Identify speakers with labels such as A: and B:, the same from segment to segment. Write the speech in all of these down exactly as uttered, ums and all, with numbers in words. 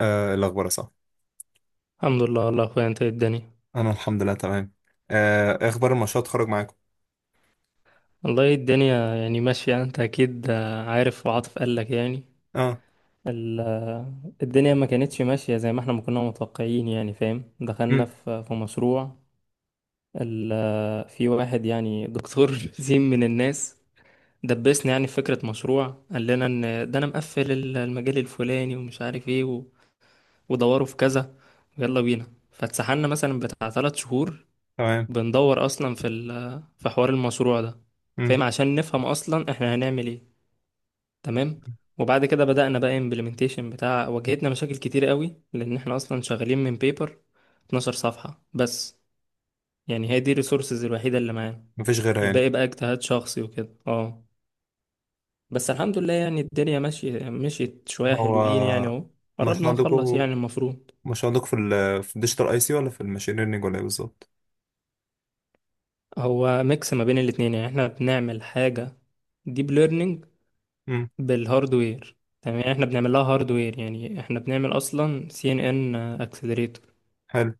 A: آه، الأخبار صح.
B: الحمد لله والله يا اخويا انت إيه الدنيا.
A: أنا الحمد لله تمام. آه إيه أخبار المشروع اتخرج معاكم؟
B: والله الدنيا يعني ماشية، انت اكيد آه، عارف، وعاطف قال لك يعني.
A: أه.
B: ال- آه، الدنيا ما كانتش ماشية زي ما احنا ما كنا متوقعين، يعني فاهم، دخلنا
A: مم.
B: في في مشروع. ال- آه، في واحد يعني دكتور زين من الناس، دبسنا يعني في فكرة مشروع. قال لنا ان ده انا مقفل ال- المجال الفلاني ومش عارف ايه و- ودوروا في كذا ويلا بينا. فاتسحلنا مثلا بتاع ثلاث شهور
A: تمام.
B: بندور اصلا في ال- في حوار المشروع ده،
A: مم.
B: فاهم، عشان نفهم اصلا احنا هنعمل ايه. تمام. وبعد كده بدأنا بقى امبلمنتيشن بتاع، واجهتنا مشاكل كتير قوي لان احنا اصلا شغالين من بيبر اتناشر صفحة بس، يعني هي دي الريسورسز الوحيدة اللي معانا.
A: مفيش غيرها يعني.
B: الباقي بقى اجتهاد شخصي وكده. اه بس الحمد لله يعني الدنيا ماشية، مشيت شوية
A: هو
B: حلوين يعني اهو.
A: مشروع
B: قربنا نخلص
A: عندكم
B: يعني المفروض.
A: مشروع عندكم في ال في الديجيتال أي سي ولا في الماشين ليرنينج ولا إيه بالظبط؟
B: هو ميكس ما بين الاتنين، يعني احنا بنعمل حاجة ديب learning
A: مم.
B: بالهاردوير. تمام، يعني احنا بنعمل لها هاردوير، يعني احنا بنعمل اصلا سي ان ان اكسلريتور.
A: حلو.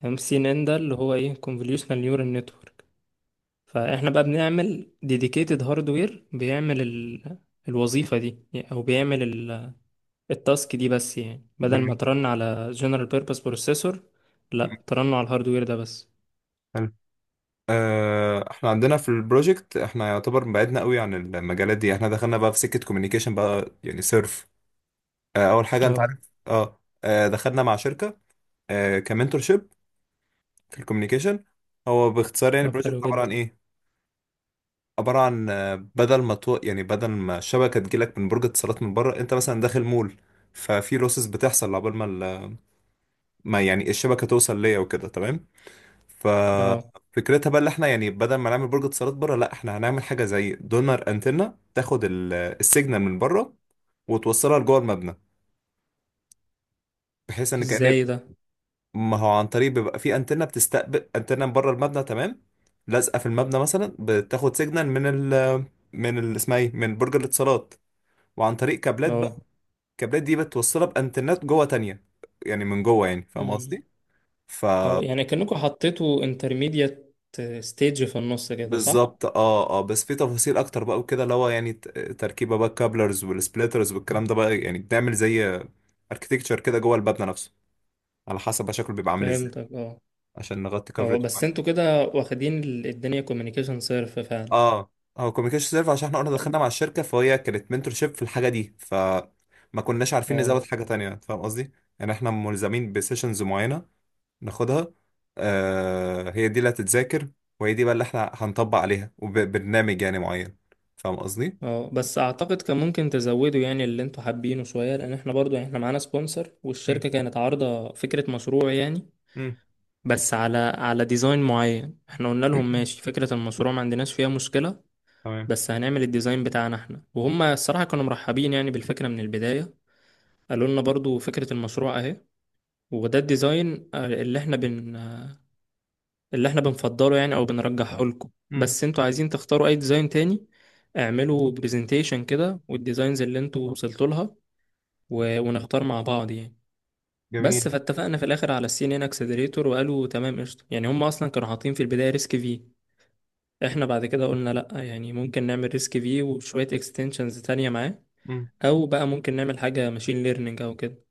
B: تمام، السي ان ان ده اللي هو ايه convolutional neural network. فاحنا بقى بنعمل ديديكيتد هاردوير بيعمل ال... الوظيفة دي، يعني او بيعمل ال... التاسك دي بس، يعني بدل ما
A: جميل.
B: ترن على general purpose processor،
A: مم.
B: لا ترن على الهاردوير ده بس.
A: حلو. آه إحنا عندنا في البروجكت، إحنا يعتبر بعدنا قوي عن المجالات دي. إحنا دخلنا بقى في سكة كوميونيكيشن بقى يعني سيرف. آه أول حاجة، أنت
B: اه.
A: عارف. أه آه، دخلنا مع شركة. آه كمنتور شيب في الكوميونيكيشن. هو باختصار يعني
B: طب
A: البروجكت
B: حلو
A: عبارة عن
B: جدا.
A: إيه؟ عبارة عن آه، بدل ما تو... يعني بدل ما الشبكة تجيلك من برج اتصالات من بره، انت مثلا داخل مول. ففي لوسز بتحصل عقبال ما ال... ما يعني الشبكة توصل ليا وكده، تمام.
B: اه.
A: ففكرتها بقى اللي احنا يعني بدل ما نعمل برج اتصالات بره، لا احنا هنعمل حاجة زي دونر، انتنة تاخد ال... السيجنال من بره وتوصلها لجوه المبنى، بحيث ان كأن
B: ازاي ده؟
A: ما هو عن طريق بيبقى في انتنة بتستقبل، انتنة من بره المبنى، تمام. لازقة في المبنى، مثلا بتاخد سيجنال من ال... من ال... اسمها ايه، من برج الاتصالات، وعن طريق كابلات.
B: اه
A: الكابلات دي بتوصلها بانترنت جوه تانية، يعني من جوه، يعني فاهم قصدي. ف
B: اه، يعني كأنكم حطيتوا انترميديت ستيج في النص كده صح؟
A: بالظبط اه، اه، بس في تفاصيل اكتر بقى وكده، اللي هو يعني ت- تركيبه بقى، الكابلرز والسبليترز والكلام ده، بقى يعني بنعمل زي اركتكتشر كده جوه المبنى نفسه، على حسب بقى شكله بيبقى عامل ازاي،
B: فهمتك اه.
A: عشان نغطي
B: اه
A: كفرج.
B: بس انتوا كده واخدين ال- الدنيا كوميونيكيشن صرف فعلا.
A: اه. هو كوميونيكيشن سيرف عشان احنا قلنا دخلنا مع الشركه، فهي كانت منتور شيب في الحاجه دي، فما كناش عارفين نزود
B: اه.
A: حاجه تانية. فاهم قصدي؟ يعني احنا ملزمين بسيشنز معينه، ناخدها. آه هي دي اللي هتتذاكر، وهي دي بقى اللي احنا هنطبق عليها، وبرنامج يعني معين. فاهم قصدي؟
B: اه بس اعتقد كان ممكن تزودوا يعني اللي انتوا حابينه شوية، لان احنا برضو يعني احنا معانا سبونسر
A: مم.
B: والشركة كانت عارضة فكرة مشروع يعني.
A: مم.
B: بس على على ديزاين معين. احنا قلنا لهم ماشي، فكرة المشروع ما عندناش فيها مشكلة،
A: تمام.
B: بس هنعمل الديزاين بتاعنا احنا. وهم الصراحة كانوا مرحبين يعني بالفكرة من البداية. قالوا لنا برضو فكرة المشروع اهي، وده الديزاين آه، اللي احنا بن آه، اللي احنا بنفضله يعني او بنرجحه لكم،
A: مم.
B: بس انتوا عايزين تختاروا اي ديزاين تاني اعملوا برزنتيشن كده والديزاينز اللي انتوا وصلتوا لها، و... ونختار مع بعض يعني. بس
A: جميل.
B: فاتفقنا في الاخر على السي ان ان اكسلريتور، وقالوا تمام قشطه. يعني هم اصلا كانوا حاطين في البدايه ريسك في، احنا بعد كده قلنا لا، يعني ممكن نعمل ريسك في وشويه اكستنشنز تانية معاه،
A: مم.
B: او بقى ممكن نعمل حاجه ماشين ليرنينج او كده.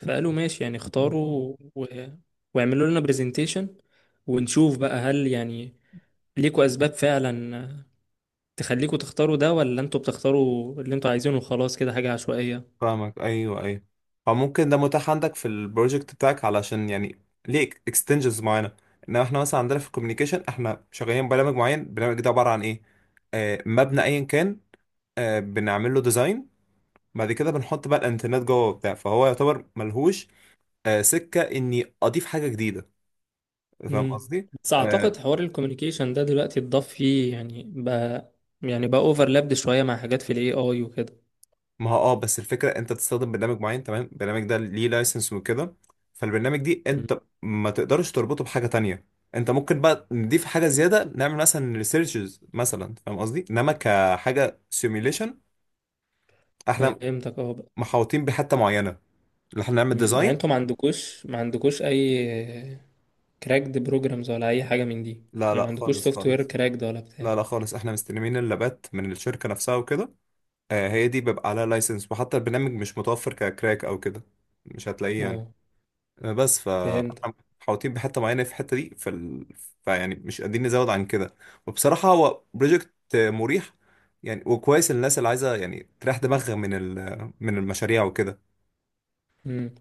B: فقالوا ماشي، يعني
A: مم.
B: اختاروا و... واعملوا لنا برزنتيشن ونشوف بقى، هل يعني ليكوا اسباب فعلا تخليكوا تختاروا ده، ولا انتوا بتختاروا اللي انتوا عايزينه وخلاص كده حاجة عشوائية.
A: فاهمك. ايوه، ايوه. فممكن ده متاح عندك في البروجكت بتاعك علشان يعني ليه اكستنشنز معينه؟ انما احنا مثلا عندنا في الكوميونيكيشن احنا شغالين برنامج معين، البرنامج ده عباره عن ايه. آه مبنى ايا كان. آه بنعمل له ديزاين، بعد كده بنحط بقى الانترنت جوه وبتاع، فهو يعتبر ملهوش آه، سكه اني اضيف حاجه جديده. فاهم
B: امم.
A: قصدي؟
B: بس
A: آه،
B: اعتقد حوار الكوميونيكيشن ده دلوقتي اتضاف فيه يعني بقى، يعني بقى اوفرلابد شوية مع حاجات في الاي اي وكده.
A: ما هو اه بس الفكره انت بتستخدم برنامج معين، تمام. البرنامج ده ليه لايسنس وكده، فالبرنامج دي
B: مم.
A: انت ما تقدرش تربطه بحاجه تانية. انت ممكن بقى نضيف حاجه زياده، نعمل مثلا ريسيرشز مثلا، فاهم قصدي. انما كحاجه سيميوليشن احنا
B: فهمتك اه بقى.
A: محاوطين بحته معينه، اللي احنا نعمل
B: مم. يعني
A: ديزاين.
B: انتوا ما عندكوش ما عندكوش اي كراكد بروجرامز ولا اي حاجة من دي،
A: لا،
B: يعني ما
A: لا،
B: عندكوش
A: خالص،
B: سوفت وير
A: خالص.
B: كراكد ولا بتاع؟
A: لا، لا، خالص. احنا مستلمين اللابات من الشركه نفسها وكده. آه، هي دي بيبقى عليها لايسنس، وحتى البرنامج مش متوفر ككراك او كده، مش هتلاقيه يعني.
B: اه
A: آه، بس
B: فهمت.
A: فاحنا محاوطين بحته معينه، في الحته دي، في ال... فيعني مش قادرين نزود عن كده. وبصراحه هو بروجكت مريح يعني، وكويس للناس اللي عايزه يعني تريح دماغها من ال... من المشاريع وكده.
B: مم.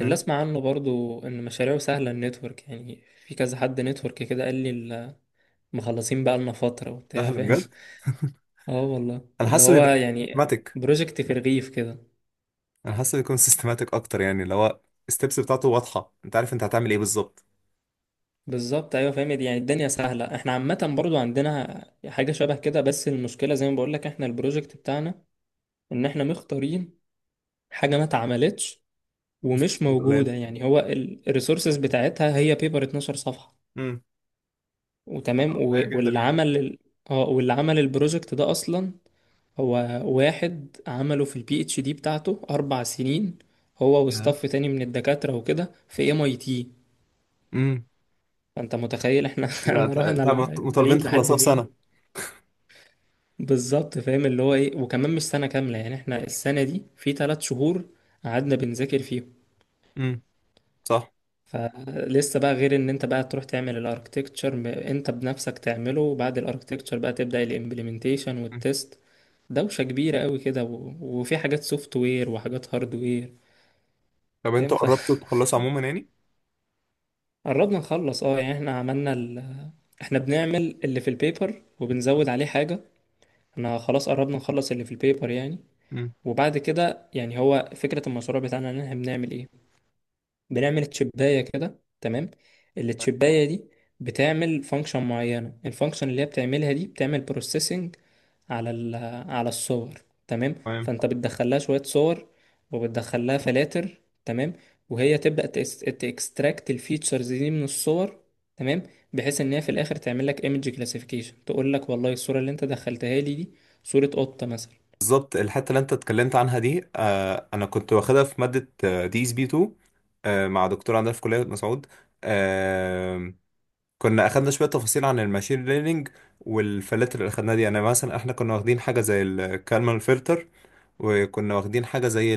B: اللي اسمع عنه برضو ان مشاريعه سهله، النتورك يعني، في كذا حد نتورك كده قال لي ال- مخلصين بقى لنا فتره
A: لا،
B: وبتاع
A: هلا،
B: فاهم.
A: بجد.
B: اه والله
A: انا
B: اللي
A: حاسه
B: هو
A: بيبقى
B: يعني
A: سيستماتيك
B: بروجكت في الرغيف كده.
A: انا حاسه بيكون سيستماتيك اكتر، يعني اللي هو الستبس بتاعته واضحه، انت عارف انت هتعمل ايه بالظبط.
B: بالظبط ايوه، فاهم يعني الدنيا سهله. احنا عامه برضو عندنا حاجه شبه كده، بس المشكله زي ما بقول لك، احنا البروجكت بتاعنا ان احنا مختارين حاجه ما اتعملتش
A: مش
B: ومش موجوده،
A: قليل.
B: يعني هو الريسورسز بتاعتها هي بيبر اتناشر صفحه.
A: امم.
B: وتمام، و-
A: قليل جدا
B: واللي
A: يعني.
B: عمل ال- اه واللي عمل البروجكت ده اصلا هو واحد عمله في البي اتش دي بتاعته أربع سنين، هو وستاف تاني من الدكاترة وكده في ام اي تي.
A: امم.
B: فأنت متخيل احنا
A: لا،
B: احنا
A: ت-
B: رحنا
A: انت مط-
B: ل-
A: مطالبين
B: بعيد لحد
A: تخلصها في
B: فين.
A: سنة.
B: بالظبط فاهم اللي هو ايه. وكمان مش سنة كاملة يعني، احنا السنة دي في ثلاث شهور قعدنا بنذاكر فيهم.
A: امم. صح.
B: فلسه بقى، غير ان انت بقى تروح تعمل الاركتكتشر انت بنفسك تعمله، وبعد الاركتكتشر بقى تبدأ الامبلمنتيشن
A: مم.
B: والتست. دوشة كبيرة قوي كده، و- وفي حاجات سوفت وير وحاجات هارد وير،
A: طب
B: فاهم.
A: انتوا
B: ف
A: قربتوا تخلصوا عموما يعني؟
B: قربنا نخلص اه. يعني احنا عملنا ال... اه، احنا بنعمل اللي في البيبر وبنزود عليه حاجة. احنا خلاص قربنا نخلص اللي في البيبر يعني.
A: امم.
B: وبعد كده يعني، هو فكرة المشروع بتاعنا ان احنا بنعمل ايه؟ بنعمل تشباية كده تمام.
A: طيب،
B: التشباية دي بتعمل فانكشن معينة. الفانكشن اللي هي بتعملها دي بتعمل بروسيسنج على ال على الصور. تمام،
A: تمام.
B: فانت بتدخلها شوية صور وبتدخلها فلاتر. تمام، وهي تبدأ تكستراكت الفيتشرز دي من الصور. تمام، بحيث ان هي في الاخر تعمل لك ايمج كلاسيفيكيشن، تقول لك والله الصورة اللي انت دخلتها لي دي صورة قطة مثلا.
A: بالظبط. الحتة اللي انت اتكلمت عنها دي، آه انا كنت واخدها في مادة دي اس بي اتنين، آه مع دكتور عندنا في كلية مسعود. آه كنا اخدنا شوية تفاصيل عن الماشين ليرنينج والفلاتر اللي اخدناها دي، يعني مثلا احنا كنا واخدين حاجة زي الكالمال فلتر، وكنا واخدين حاجة زي،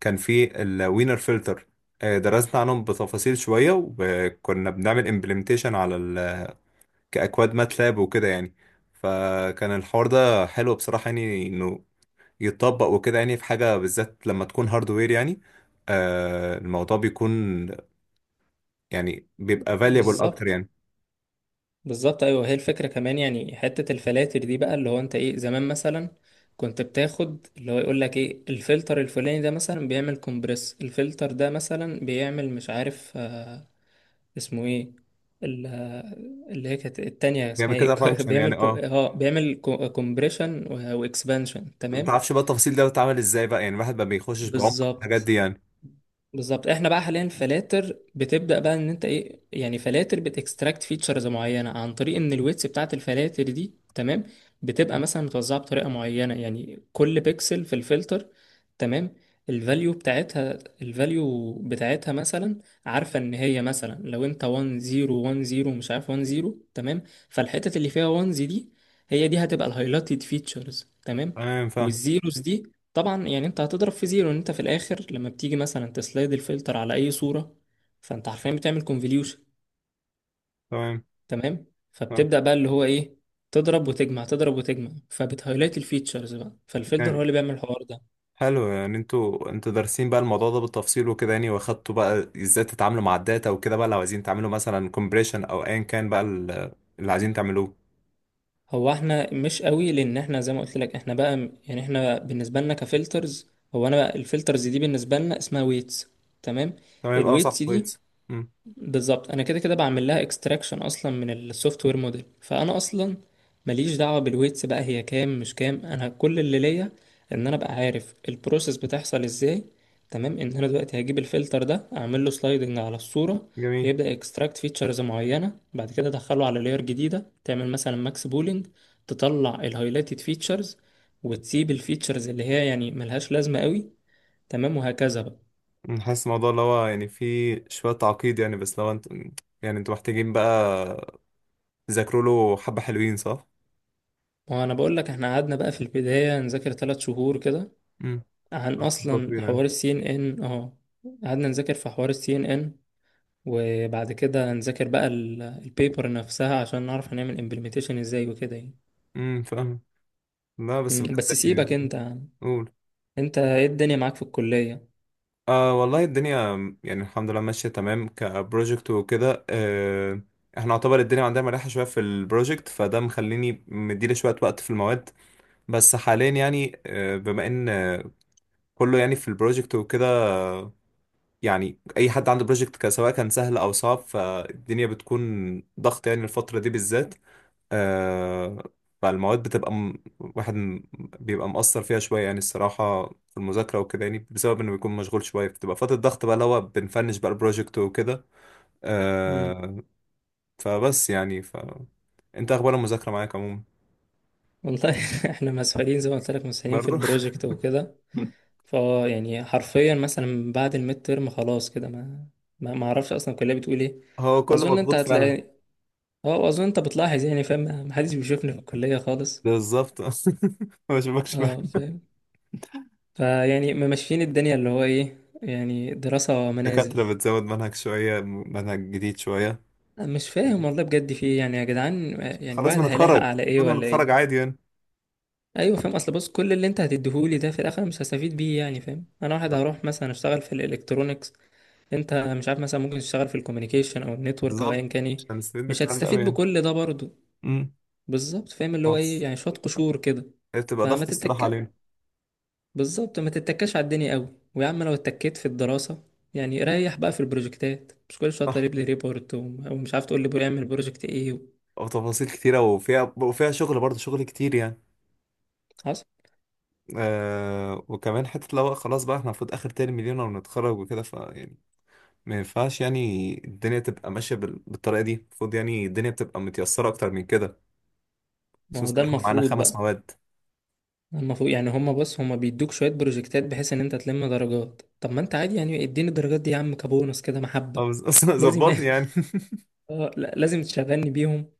A: كان في الوينر فلتر. درسنا عنهم بتفاصيل شوية، وكنا بنعمل امبلمنتيشن على ال... كأكواد ماتلاب وكده يعني. فكان الحوار ده حلو بصراحة، يعني انه يتطبق وكده، يعني في حاجة بالذات لما تكون هاردوير يعني. آه الموضوع بيكون يعني بيبقى valuable اكتر
B: بالظبط.
A: يعني.
B: بالظبط ايوه، هي الفكره كمان، يعني حته الفلاتر دي بقى، اللي هو انت ايه زمان مثلا كنت بتاخد اللي هو يقول لك ايه، الفلتر الفلاني ده مثلا بيعمل كومبريس، الفلتر ده مثلا بيعمل مش عارف آه اسمه ايه، ال- آه، اللي هي كانت التانية
A: بيعمل
B: اسمها ايه.
A: كده فانكشن
B: بيعمل
A: يعني
B: كو-
A: اه
B: اه بيعمل كومبريشن واكسبانشن
A: ما
B: تمام.
A: تعرفش بقى التفاصيل ده بتتعمل ازاي بقى، يعني الواحد ما بيخشش بعمق الحاجات
B: بالظبط.
A: دي يعني.
B: بالظبط، احنا بقى حاليا فلاتر، بتبدا بقى ان انت ايه يعني، فلاتر بتكستراكت فيتشرز معينه عن طريق ان الويتس بتاعت الفلاتر دي تمام بتبقى مثلا متوزعه بطريقه معينه، يعني كل بيكسل في الفلتر تمام، الفاليو بتاعتها، الفاليو بتاعتها مثلا عارفه ان هي مثلا، لو انت واحد صفر واحد صفر مش عارف واحد صفر تمام، فالحتت اللي فيها واحد دي هي دي هتبقى الهايلايتد فيتشرز تمام.
A: تمام فاهم.
B: والزيروز دي طبعا يعني انت هتضرب في زيرو، ان انت في الاخر لما بتيجي مثلا تسلايد الفلتر على اي صورة فانت حرفيا بتعمل كونفوليوشن.
A: تمام
B: تمام، فبتبدأ بقى اللي هو ايه، تضرب وتجمع، تضرب وتجمع، فبتهايلايت الفيتشرز بقى. فالفلتر هو
A: فاهم.
B: اللي بيعمل الحوار ده.
A: حلو يعني انتوا انتوا دارسين بقى الموضوع ده بالتفصيل وكده، يعني واخدتوا بقى ازاي تتعاملوا مع الداتا وكده بقى، لو عايزين تعملوا مثلا كومبريشن او ايا كان بقى ال- اللي عايزين تعملوه.
B: هو احنا مش قوي، لان احنا زي ما قلت لك، احنا بقى م- يعني احنا بالنسبة لنا كفلترز، هو انا بقى الفلترز دي بالنسبة لنا اسمها ويتس. تمام.
A: تمام يبقى صح
B: الويتس دي
A: كويس. امم.
B: بالظبط انا كده كده بعمل لها اكستراكشن اصلا من السوفت وير موديل، فانا اصلا ماليش دعوه بالويتس بقى هي كام مش كام، انا كل اللي ليا ان انا ابقى عارف البروسيس بتحصل ازاي. تمام، ان انا دلوقتي هجيب الفلتر ده اعمل له سلايدنج على الصوره،
A: جميل.
B: يبدا اكستراكت فيتشرز معينه، بعد كده ادخله على لاير جديده تعمل مثلا ماكس بولينج تطلع الهايلايتد فيتشرز وتسيب الفيتشرز اللي هي يعني ملهاش لازمه قوي. تمام، وهكذا بقى.
A: أمم، حاسس الموضوع اللي هو يعني فيه شوية تعقيد يعني، بس لو انتوا، يعني انتوا محتاجين بقى تذاكروا له حبة حلوين، صح؟
B: وانا بقول لك، احنا قعدنا بقى في البدايه نذاكر ثلاث شهور كده
A: امم.
B: عن
A: خطوة
B: اصلا
A: طويلة يعني.
B: حوار السي ان ان. اه، قعدنا نذاكر في حوار السي ان ان، وبعد كده نذاكر بقى البيبر نفسها عشان نعرف هنعمل امبلمنتيشن ازاي وكده يعني.
A: امم. فاهم. لا بس
B: مم، بس
A: بجد
B: سيبك
A: يعني.
B: انت يا عم.
A: قول.
B: انت ايه الدنيا معاك في الكلية؟
A: آه والله الدنيا، يعني الحمد لله ماشية تمام كبروجكت وكده آه احنا يعتبر الدنيا عندنا مريحة شوية في البروجكت، فده مخليني مديلي شوية وقت في المواد. بس حاليا يعني آه بما ان آه، كله يعني في البروجكت وكده آه، يعني اي حد عنده بروجكت سواء كان سهل او صعب، فالدنيا بتكون ضغط يعني الفترة دي بالذات. آه فالمواد بتبقى م... واحد م... بيبقى مقصر فيها شوية يعني الصراحة في المذاكرة وكده، يعني بسبب إنه بيكون مشغول شوية، بتبقى فترة ضغط بقى اللي هو بنفنش بقى البروجكت وكده.
B: مم.
A: آه فبس يعني ف أنت أخبار المذاكرة معاك عموما؟
B: والله احنا مسحولين زي ما قلت لك، مسحولين في
A: برضه.
B: البروجكت وكده. فا يعني حرفيا مثلا بعد الميد ترم خلاص كده، ما ما ما اعرفش اصلا الكلية بتقول ايه.
A: هو كله
B: واظن انت
A: مضغوط فعلا.
B: هتلاقي، اه واظن انت بتلاحظ يعني فاهم، محدش بيشوفني في الكلية خالص.
A: بالظبط. ما بشوفكش بقى.
B: اه فاهم. فيعني ممشيين الدنيا اللي هو ايه، يعني دراسة منازل.
A: الدكاترة بتزود منهج شوية، منهج جديد شوية.
B: أنا مش فاهم والله بجد في ايه يعني يا جدعان، يعني
A: خلاص
B: الواحد هيلاحق
A: بنتخرج،
B: على ايه
A: كل ما
B: ولا
A: نتخرج
B: ايه؟
A: عادي يعني.
B: ايوه فاهم. اصل بص كل اللي انت هتديهولي ده في الاخر مش هستفيد بيه، يعني فاهم انا واحد هروح مثلا اشتغل في الالكترونيكس، انت مش عارف مثلا ممكن تشتغل في الكوميونيكيشن او النتورك او ايا
A: بالظبط،
B: كان ايه.
A: مش هنستفيد
B: مش
A: بالكلام ده أوي
B: هتستفيد
A: يعني.
B: بكل ده برضه. بالظبط فاهم اللي هو
A: امم.
B: ايه، يعني شوية قشور كده.
A: هي بتبقى
B: فما
A: ضغط الصراحة
B: تتكلم،
A: علينا.
B: بالظبط ما تتكاش على الدنيا قوي. ويا عم لو اتكيت في الدراسة يعني ريح بقى في البروجكتات، مش كل شوية
A: صح،
B: طالب لي ريبورت و- او مش عارف تقول لي بيعمل بروجكت ايه و...
A: وتفاصيل كتيرة وفيها وفيها شغل برضه، شغل كتير يعني.
B: حصل.
A: آه وكمان حتة لو خلاص بقى، احنا المفروض آخر ترم لينا ونتخرج وكده، ف يعني ما ينفعش يعني الدنيا تبقى ماشية بال- بالطريقة دي. المفروض يعني الدنيا بتبقى متيسرة أكتر من كده،
B: ما هو
A: خصوصا
B: ده
A: إن احنا معانا
B: المفروض
A: خمس
B: بقى.
A: مواد.
B: المفروض يعني هما، بص هما بيدوك شوية بروجكتات بحيث ان انت تلم درجات، طب ما انت عادي يعني اديني الدرجات دي يا عم كبونص كده محبة.
A: آه، بس- أصلاً
B: لازم.
A: ظبطني يعني.
B: اه لا لازم تشغلني بيهم.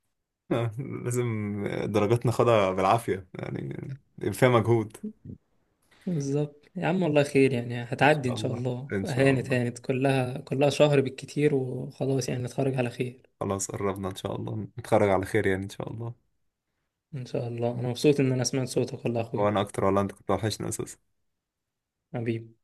A: لازم. درجات ناخدها بالعافية يعني، فيها مجهود.
B: بالظبط يا عم، والله خير يعني،
A: إن
B: هتعدي
A: شاء
B: ان شاء
A: الله.
B: الله،
A: إن شاء
B: هانت
A: الله.
B: هانت، كلها كلها شهر بالكتير وخلاص، يعني نتخرج على خير.
A: خلاص قربنا إن شاء الله نتخرج على خير يعني، إن شاء الله.
B: إن شاء الله. أنا مبسوط إن أنا سمعت صوتك والله يا أخوي.
A: وانا اكتر والله، انت كنت وحشني اساسا.
B: حبيبي.